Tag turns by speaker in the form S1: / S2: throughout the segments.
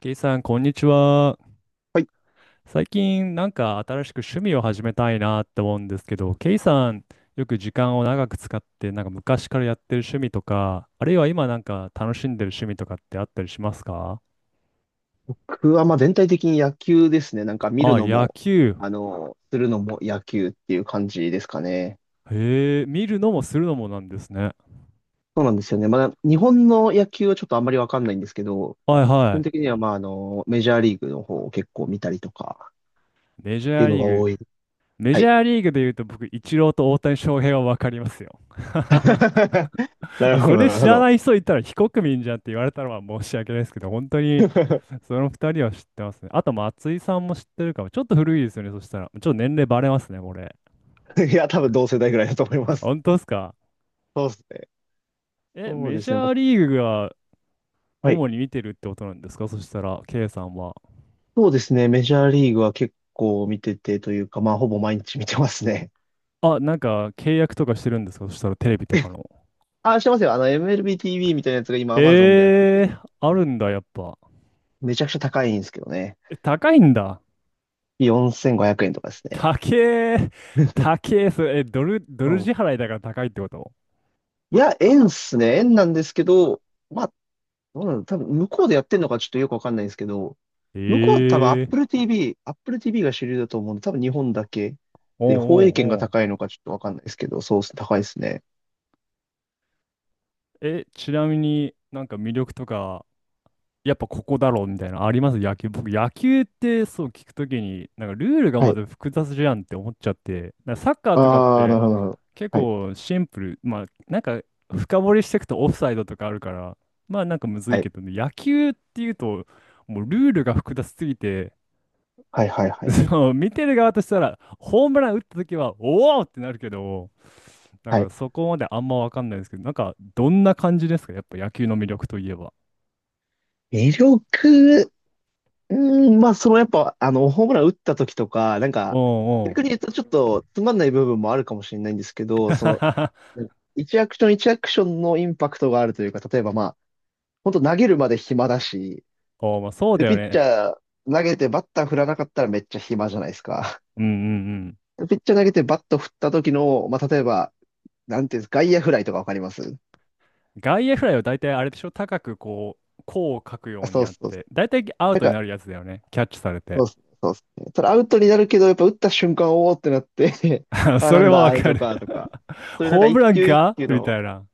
S1: ケイさん、こんにちは。
S2: はい。
S1: 最近、なんか新しく趣味を始めたいなって思うんですけど、ケイさん、よく時間を長く使って、なんか昔からやってる趣味とか、あるいは今なんか楽しんでる趣味とかってあったりしますか？
S2: 僕はまあ全体的に野球ですね。なんか見る
S1: あ、
S2: の
S1: 野
S2: も、
S1: 球。
S2: するのも野球っていう感じですかね。
S1: へえ、見るのもするのもなんですね。
S2: そうなんですよね。まだ日本の野球はちょっとあんまりわかんないんですけど、
S1: はい
S2: 基
S1: は
S2: 本的
S1: い。
S2: にはまあメジャーリーグの方を結構見たりとか
S1: メジ
S2: って
S1: ャ
S2: い
S1: ー
S2: うの
S1: リ
S2: が
S1: ーグ。
S2: 多い。
S1: メ
S2: は
S1: ジ
S2: い。
S1: ャーリーグで言うと僕、イチローと大谷翔平はわかりますよ。
S2: な
S1: あ、
S2: るほ
S1: そ
S2: ど、
S1: れ
S2: なる
S1: 知
S2: ほ
S1: ら
S2: ど。
S1: ない人いたら非国民じゃんって言われたのは申し訳ないですけど、本当にその二人は知ってますね。あと、松井さんも知ってるかも。ちょっと古いですよね、そしたら。ちょっと年齢バレますね、これ。
S2: いや、多分同世代ぐらいだと思います。
S1: 本当ですか？
S2: そうですね。
S1: え、
S2: そう
S1: メ
S2: で
S1: ジ
S2: すね。ま
S1: ャ
S2: あ
S1: ーリーグが
S2: はい。
S1: 主に見てるってことなんですかそしたら、K さんは。
S2: そうですね。メジャーリーグは結構見ててというか、まあほぼ毎日見てますね。
S1: あ、なんか契約とかしてるんですかそしたら、テレビとかの。
S2: あ、してますよ。MLBTV みたいなやつが今 Amazon でやって
S1: え
S2: て、
S1: ー、あるんだ、やっぱ。
S2: めちゃくちゃ高いんですけどね。
S1: え、高いんだ。
S2: 4500円とかですね。
S1: 高え、高え、それ、ドル、ド
S2: う
S1: ル支
S2: ん。
S1: 払いだから高いってこと？
S2: いや、円っすね。円なんですけど、まあ、どうなの多分向こうでやってんのかちょっとよくわかんないんですけど、向こうは多分
S1: ええー、
S2: Apple TV が主流だと思うんで、多分日本だけ
S1: おう
S2: で、放映権が
S1: おうおう。
S2: 高いのかちょっとわかんないですけど、そうっす、高いですね。
S1: え、ちなみになんか魅力とか、やっぱここだろうみたいなのあります野球。僕、野球ってそう聞くときに、なんかルールが
S2: は
S1: ま
S2: い。
S1: ず複雑じゃんって思っちゃって、なんかサッカーとかっ
S2: ああ、なる
S1: て
S2: ほど、なるほど。
S1: 結
S2: はい。
S1: 構シンプル、まあなんか深掘りしていくとオフサイドとかあるから、まあなんかむず
S2: は
S1: いけ
S2: い。
S1: どね、野球っていうと、もうルールが複雑すぎて、
S2: はい、はい、はい。
S1: そう、見てる側としたら、ホームラン打ったときは、おおってなるけど、なん
S2: は
S1: か
S2: い。
S1: そこまであんまわかんないですけど、なんかどんな感じですかやっぱ野球の魅力といえば。
S2: 魅力、うまあ、そのやっぱ、あの、ホームラン打った時とか、なん
S1: お
S2: か、
S1: うお
S2: 逆に
S1: う。
S2: 言うとちょっとつまんない部分もあるかもしれないんですけど、一アクション一アクションのインパクトがあるというか、例えばまあ、本当投げるまで暇だし、
S1: おー、まあ、そう
S2: で、
S1: だ
S2: ピ
S1: よ
S2: ッチ
S1: ね。
S2: ャー投げてバッター振らなかったらめっちゃ暇じゃないですか。
S1: うんうんうん。
S2: でピッチャー投げてバット振った時の、まあ、例えば、なんていうんですか、外野フライとかわかります？
S1: 外野フライを大体あれでしょ高くこう、弧を書くよ
S2: あ、
S1: うに
S2: そう
S1: やっ
S2: そう。
S1: て、大体ア
S2: な
S1: ウ
S2: ん
S1: トに
S2: か
S1: なるやつだよね。キャッチされ
S2: そ
S1: て。
S2: うっすね、そうっすね。それアウトになるけど、やっぱ打った瞬間、おーってなって あ、
S1: そ
S2: な
S1: れ
S2: ん
S1: は
S2: だ、
S1: わ
S2: アウ
S1: か
S2: ト
S1: る。
S2: か、とか。そういうなんか
S1: ホーム
S2: 一
S1: ラン
S2: 球一
S1: か
S2: 球
S1: みた
S2: の、
S1: いな。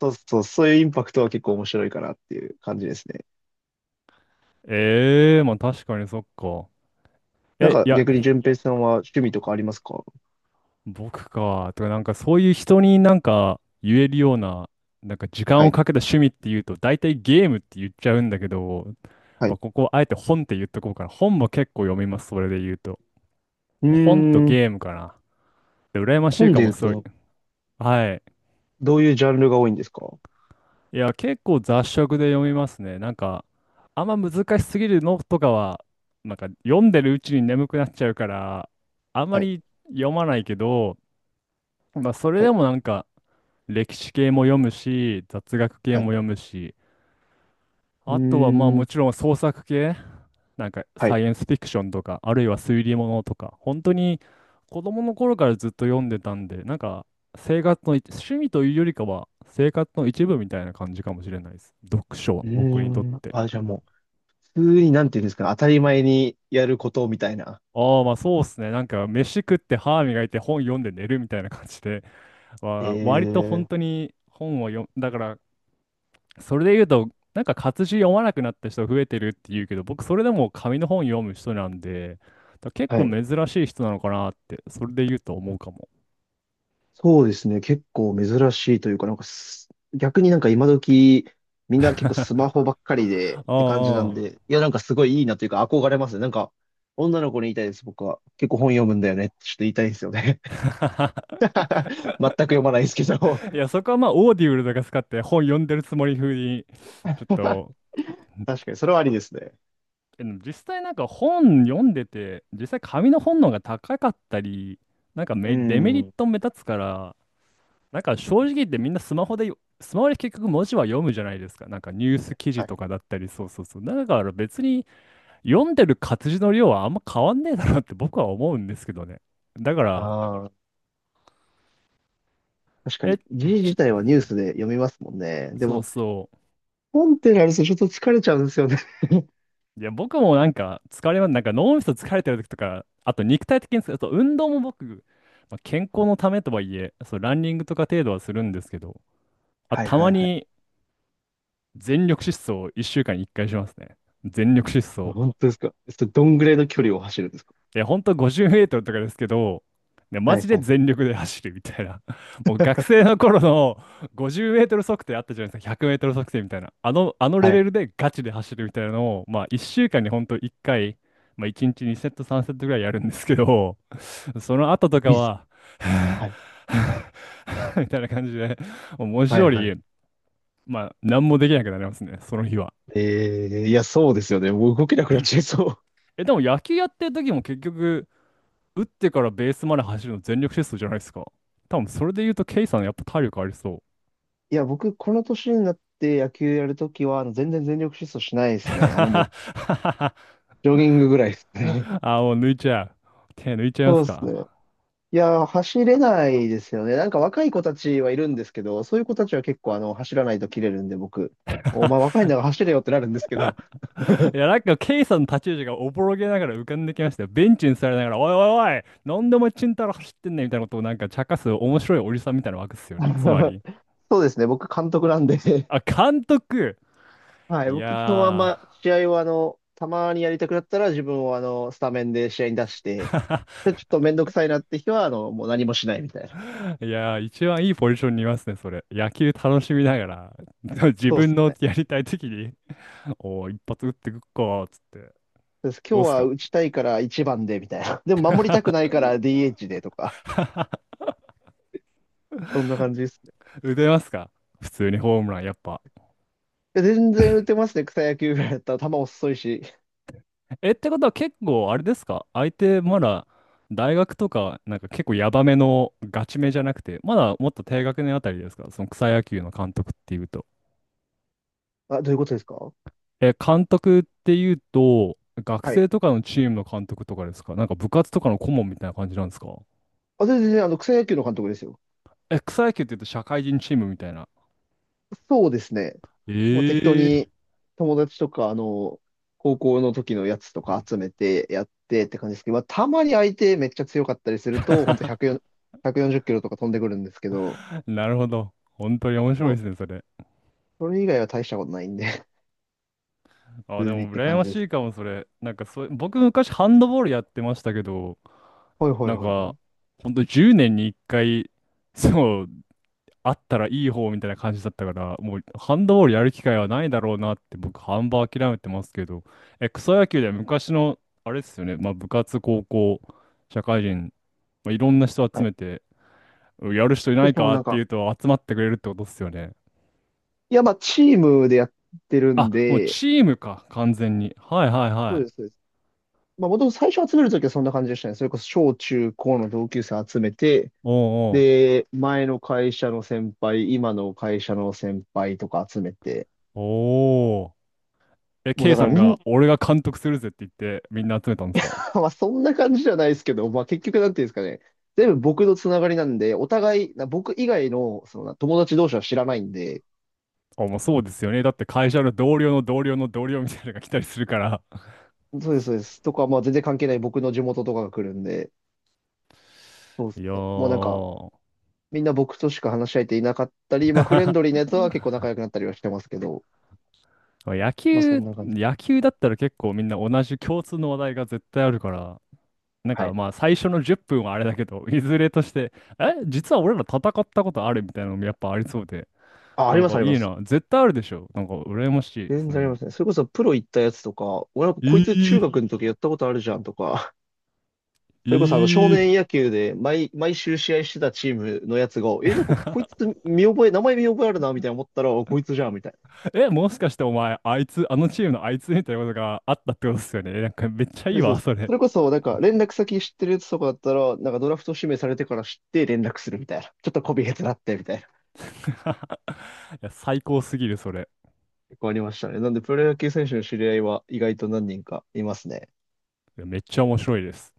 S2: そうそう、そういうインパクトは結構面白いかなっていう感じですね。
S1: ええー、まあ確かにそっか。
S2: なん
S1: え、
S2: か
S1: いや、
S2: 逆に順平さんは趣味とかありますか？
S1: 僕か。とか、なんかそういう人になんか言えるような、なんか時間
S2: は
S1: を
S2: い、
S1: かけた趣味っていうと、大体ゲームって言っちゃうんだけど、
S2: は
S1: まあ
S2: い。
S1: ここあえて本って言っとこうかな。本も結構読みます、それで言うと。
S2: うー
S1: 本と
S2: ん、
S1: ゲームかな。羨ましい
S2: 本
S1: か
S2: で
S1: も、
S2: 言う
S1: すごい。
S2: と、
S1: はい。
S2: どういうジャンルが多いんですか？
S1: いや、結構雑食で読みますね。なんか、あんま難しすぎるのとかは、なんか読んでるうちに眠くなっちゃうから、あんま
S2: はい、
S1: り読まないけど、まあ、それ
S2: は
S1: で
S2: い、
S1: もなんか、歴史系も読むし、雑学系
S2: は
S1: も
S2: い。
S1: 読むし、
S2: うー
S1: あとはまあも
S2: ん、
S1: ちろん創作系、なんか
S2: はい。
S1: サイエンスフィクションとか、あるいは推理物とか、本当に子供の頃からずっと読んでたんで、なんか生活の一、趣味というよりかは生活の一部みたいな感じかもしれないです。読書は
S2: う
S1: 僕
S2: ー
S1: にとって。
S2: あ、じゃあもう、普通になんていうんですかね、当たり前にやることみたいな。
S1: ああ、まあそうっすね。なんか飯食って歯磨いて本読んで寝るみたいな感じで、割と本
S2: ええ。
S1: 当に本を読ん、だからそれで言うと、なんか活字読まなくなった人増えてるって言うけど、僕それでも紙の本読む人なんで、だ結
S2: は
S1: 構
S2: い。
S1: 珍しい人なのかなって、それで言うと思うかも。
S2: そうですね。結構珍しいというか、なんかす、逆になんか今時、みんな結構スマホばっかりでっ
S1: あ
S2: て感じなん
S1: あ、
S2: で、いや、なんかすごいいいなというか憧れますね。なんか、女の子に言いたいです、僕は。結構本読むんだよねってちょっと言いたいですよね。
S1: ああ。
S2: 全く読まないですけど。
S1: いや、そこはまあ、オーディブルとか使って本読んでるつもり風に、ちょっと、
S2: 確かに、それはありですね。
S1: えでも実際なんか本読んでて、実際紙の本の方が高かったり、なんか
S2: う
S1: メデメリッ
S2: ん。
S1: ト目立つから、なんか正直言ってみんなスマホで結局文字は読むじゃないですか。なんかニュース記事
S2: はい。
S1: とかだったり、そうそうそう。だから別に読んでる活字の量はあんま変わんねえだろうって僕は思うんですけどね。だから、
S2: ああ、確か
S1: え、
S2: に。字
S1: ち、
S2: 自体はニュースで読みますもんね。で
S1: そう
S2: も、
S1: そ
S2: 本ってなるとちょっと疲れちゃうんですよね。
S1: う。いや、僕もなんか疲れます。なんか脳みそ疲れてる時とか、あと肉体的に疲れ、あと運動も僕、まあ、健康のためとはいえ、そう、ランニングとか程度はするんですけど、あ、
S2: はい
S1: た
S2: は
S1: ま
S2: いはい。
S1: に全力疾走を1週間に1回しますね。全力疾走。
S2: 本当ですか？それどんぐらいの距離を走るんですか？
S1: いや、ほんと50メートルとかですけど、ね、マ
S2: は
S1: ジ
S2: い
S1: で
S2: はい
S1: 全力で走るみたいな。もう学生の頃の50メートル測定あったじゃないですか、100メートル測定みたいな。あの、あのレ
S2: は
S1: ベ
S2: い。
S1: ルでガチで走るみたいなのを、まあ1週間にほんと1回、まあ1日2セット3セットぐらいやるんですけど、その後と
S2: ウ
S1: か
S2: ィズ。
S1: は。
S2: はい。
S1: みたいな感じで、もう文字
S2: はい
S1: 通
S2: はい。
S1: り、まあ何もできなくなりますね、その日は。
S2: いや、そうですよね。もう動けなくなっちゃいそう。
S1: え、でも野球やってる時も結局、打ってからベースまで走るの全力疾走じゃないですか。多分それで言うと、ケイさんやっぱ体力ありそう。
S2: いや、僕、この年になって野球やるときは、全然全力疾走しないで すね。も
S1: あ
S2: う、ジョギングぐらいですね。
S1: ー、もう抜いちゃう。手抜いち ゃいま
S2: そう
S1: す
S2: です
S1: か？
S2: ね。いや、走れないですよね。なんか若い子たちはいるんですけど、そういう子たちは結構走らないと切れるんで、僕、お前若いんだから走れよってなるんですけど、
S1: いや、なんか、ケイさんの立ち位置がおぼろげながら浮かんできましたよ。ベンチに座りながら、おいおいおい、なんでお前チンタラ走ってんねんみたいなことをなんか茶化す面白いおじさんみたいなわけですよね。つま り。
S2: そうですね、僕監督なんで。
S1: あ、監督。
S2: はい。
S1: い
S2: 僕、基本はあん
S1: や
S2: ま試合はたまにやりたくなったら自分をスタメンで試合に出して、
S1: ー。
S2: で、ちょっとめんどくさいなって日はもう何もしないみたいな。
S1: いやー、一番いいポジションにいますね、それ。野球楽しみながら、自
S2: そうっ
S1: 分
S2: す
S1: の
S2: ね。
S1: やりたい時におー一発打ってくっか、つって。
S2: です。
S1: ど
S2: 今
S1: う
S2: 日
S1: っす
S2: は
S1: か？
S2: 打ちたいから一番でみたいな。でも守りたくないか ら DH でとか、そんな感じですね。
S1: 打てますか？普通にホームラン、やっぱ。
S2: で全然打てますね。草野球ぐらいだったら球遅いし。
S1: え、ってことは結構、あれですか相手、まだ、大学とか、なんか結構ヤバめのガチめじゃなくて、まだもっと低学年あたりですかその草野球の監督っていうと。
S2: あ、どういうことですか？
S1: え、監督っていうと、学
S2: はい。
S1: 生とかのチームの監督とかですか？なんか部活とかの顧問みたいな感じなんですか？
S2: あ、全然草野球の監督ですよ。
S1: え、草野球って言うと社会人チームみたいな。
S2: そうですね。もう適当
S1: ええー。
S2: に友達とか、高校の時のやつとか集めてやってって感じですけど、まあ、たまに相手めっちゃ強かったりすると、ほんと140、1キロとか飛んでくるんですけど、
S1: なるほど。本当に面白
S2: も
S1: い
S2: う、
S1: ですね、それ。
S2: それ以外は大したことないんで、
S1: あ、
S2: 普
S1: で
S2: 通にっ
S1: も
S2: て
S1: 羨
S2: 感
S1: ま
S2: じ
S1: し
S2: で
S1: い
S2: す。
S1: かも、それ。なんかそ僕昔ハンドボールやってましたけど、
S2: はいはい
S1: なん
S2: はいはい。
S1: か、ほんと10年に1回、そう、あったらいい方みたいな感じだったから、もうハンドボールやる機会はないだろうなって僕、半ば諦めてますけど、え、草野球では昔の、あれですよね、まあ部活、高校、社会人、まあ、いろんな人
S2: は
S1: 集
S2: い。
S1: めて、うんやる人いない
S2: 私も
S1: か
S2: なん
S1: ってい
S2: か、
S1: うと集まってくれるってことですよね。
S2: いや、まあ、チームでやってるん
S1: あ、もう
S2: で、
S1: チームか、完全に。はいはい
S2: そ
S1: は
S2: う
S1: い。
S2: です、そうです。まあ、もともと最初集めるときはそんな感じでしたね。それこそ小中高の同級生集めて、
S1: おうおう。
S2: で、前の会社の先輩、今の会社の先輩とか集めて、
S1: おお。え、
S2: もう
S1: K
S2: だか
S1: さ
S2: ら
S1: ん
S2: みんな
S1: が、俺が監督するぜって言って、みんな集めたんですか？
S2: はそんな感じじゃないですけど、まあ結局なんていうんですかね、全部僕のつながりなんで、お互い、な僕以外のその友達同士は知らないんで、
S1: あ、まあそうですよね。だって会社の同僚の同僚の同僚みたいなのが来たりするから。
S2: そうです、そうです。とか、まあ全然関係ない僕の地元とかが来るんで、そうで
S1: い
S2: す
S1: や
S2: ね。もうなんか、
S1: ー、
S2: みんな僕としか話し合えていなかったり、まあフレンドリーなやつは結構仲良くなったりはしてますけど、
S1: まあ野
S2: まあそ
S1: 球、
S2: んな感じ。
S1: 野球だったら結構みんな同じ共通の話題が絶対あるから、なん
S2: は
S1: か
S2: い。
S1: まあ最初の10分はあれだけど、いずれとして、え、実は俺ら戦ったことあるみたいなのもやっぱありそうで、
S2: あ、あ
S1: な
S2: り
S1: ん
S2: ます、
S1: か
S2: あり
S1: い
S2: ま
S1: い
S2: す。
S1: な、絶対あるでしょ。なんか羨ましい、
S2: 全
S1: そうい
S2: 然
S1: う
S2: ありま
S1: の。
S2: すね。それこそプロ行ったやつとか、俺なんかこいつ
S1: い
S2: 中
S1: い、
S2: 学の時やったことあるじゃんとか、それこそあの少
S1: いい。
S2: 年野球で毎週試合してたチームのやつが、え、なんかこい つ見覚え、名前見覚えあるな、みたいな思ったら、あこいつじゃん、みたい
S1: え、もしかしてお前、あいつ、あのチームのあいつみたいなことがあったってことですよね。なんかめっちゃい
S2: な。
S1: い
S2: で
S1: わ、
S2: す。
S1: そ
S2: そ
S1: れ。
S2: れこそなんか連絡先知ってるやつとかだったら、なんかドラフト指名されてから知って連絡するみたいな。ちょっとこびへつなって、みたいな。
S1: いや、最高すぎる、それ。
S2: 結構ありましたね。なんでプロ野球選手の知り合いは意外と何人かいますね。
S1: いやめっちゃ面白いです。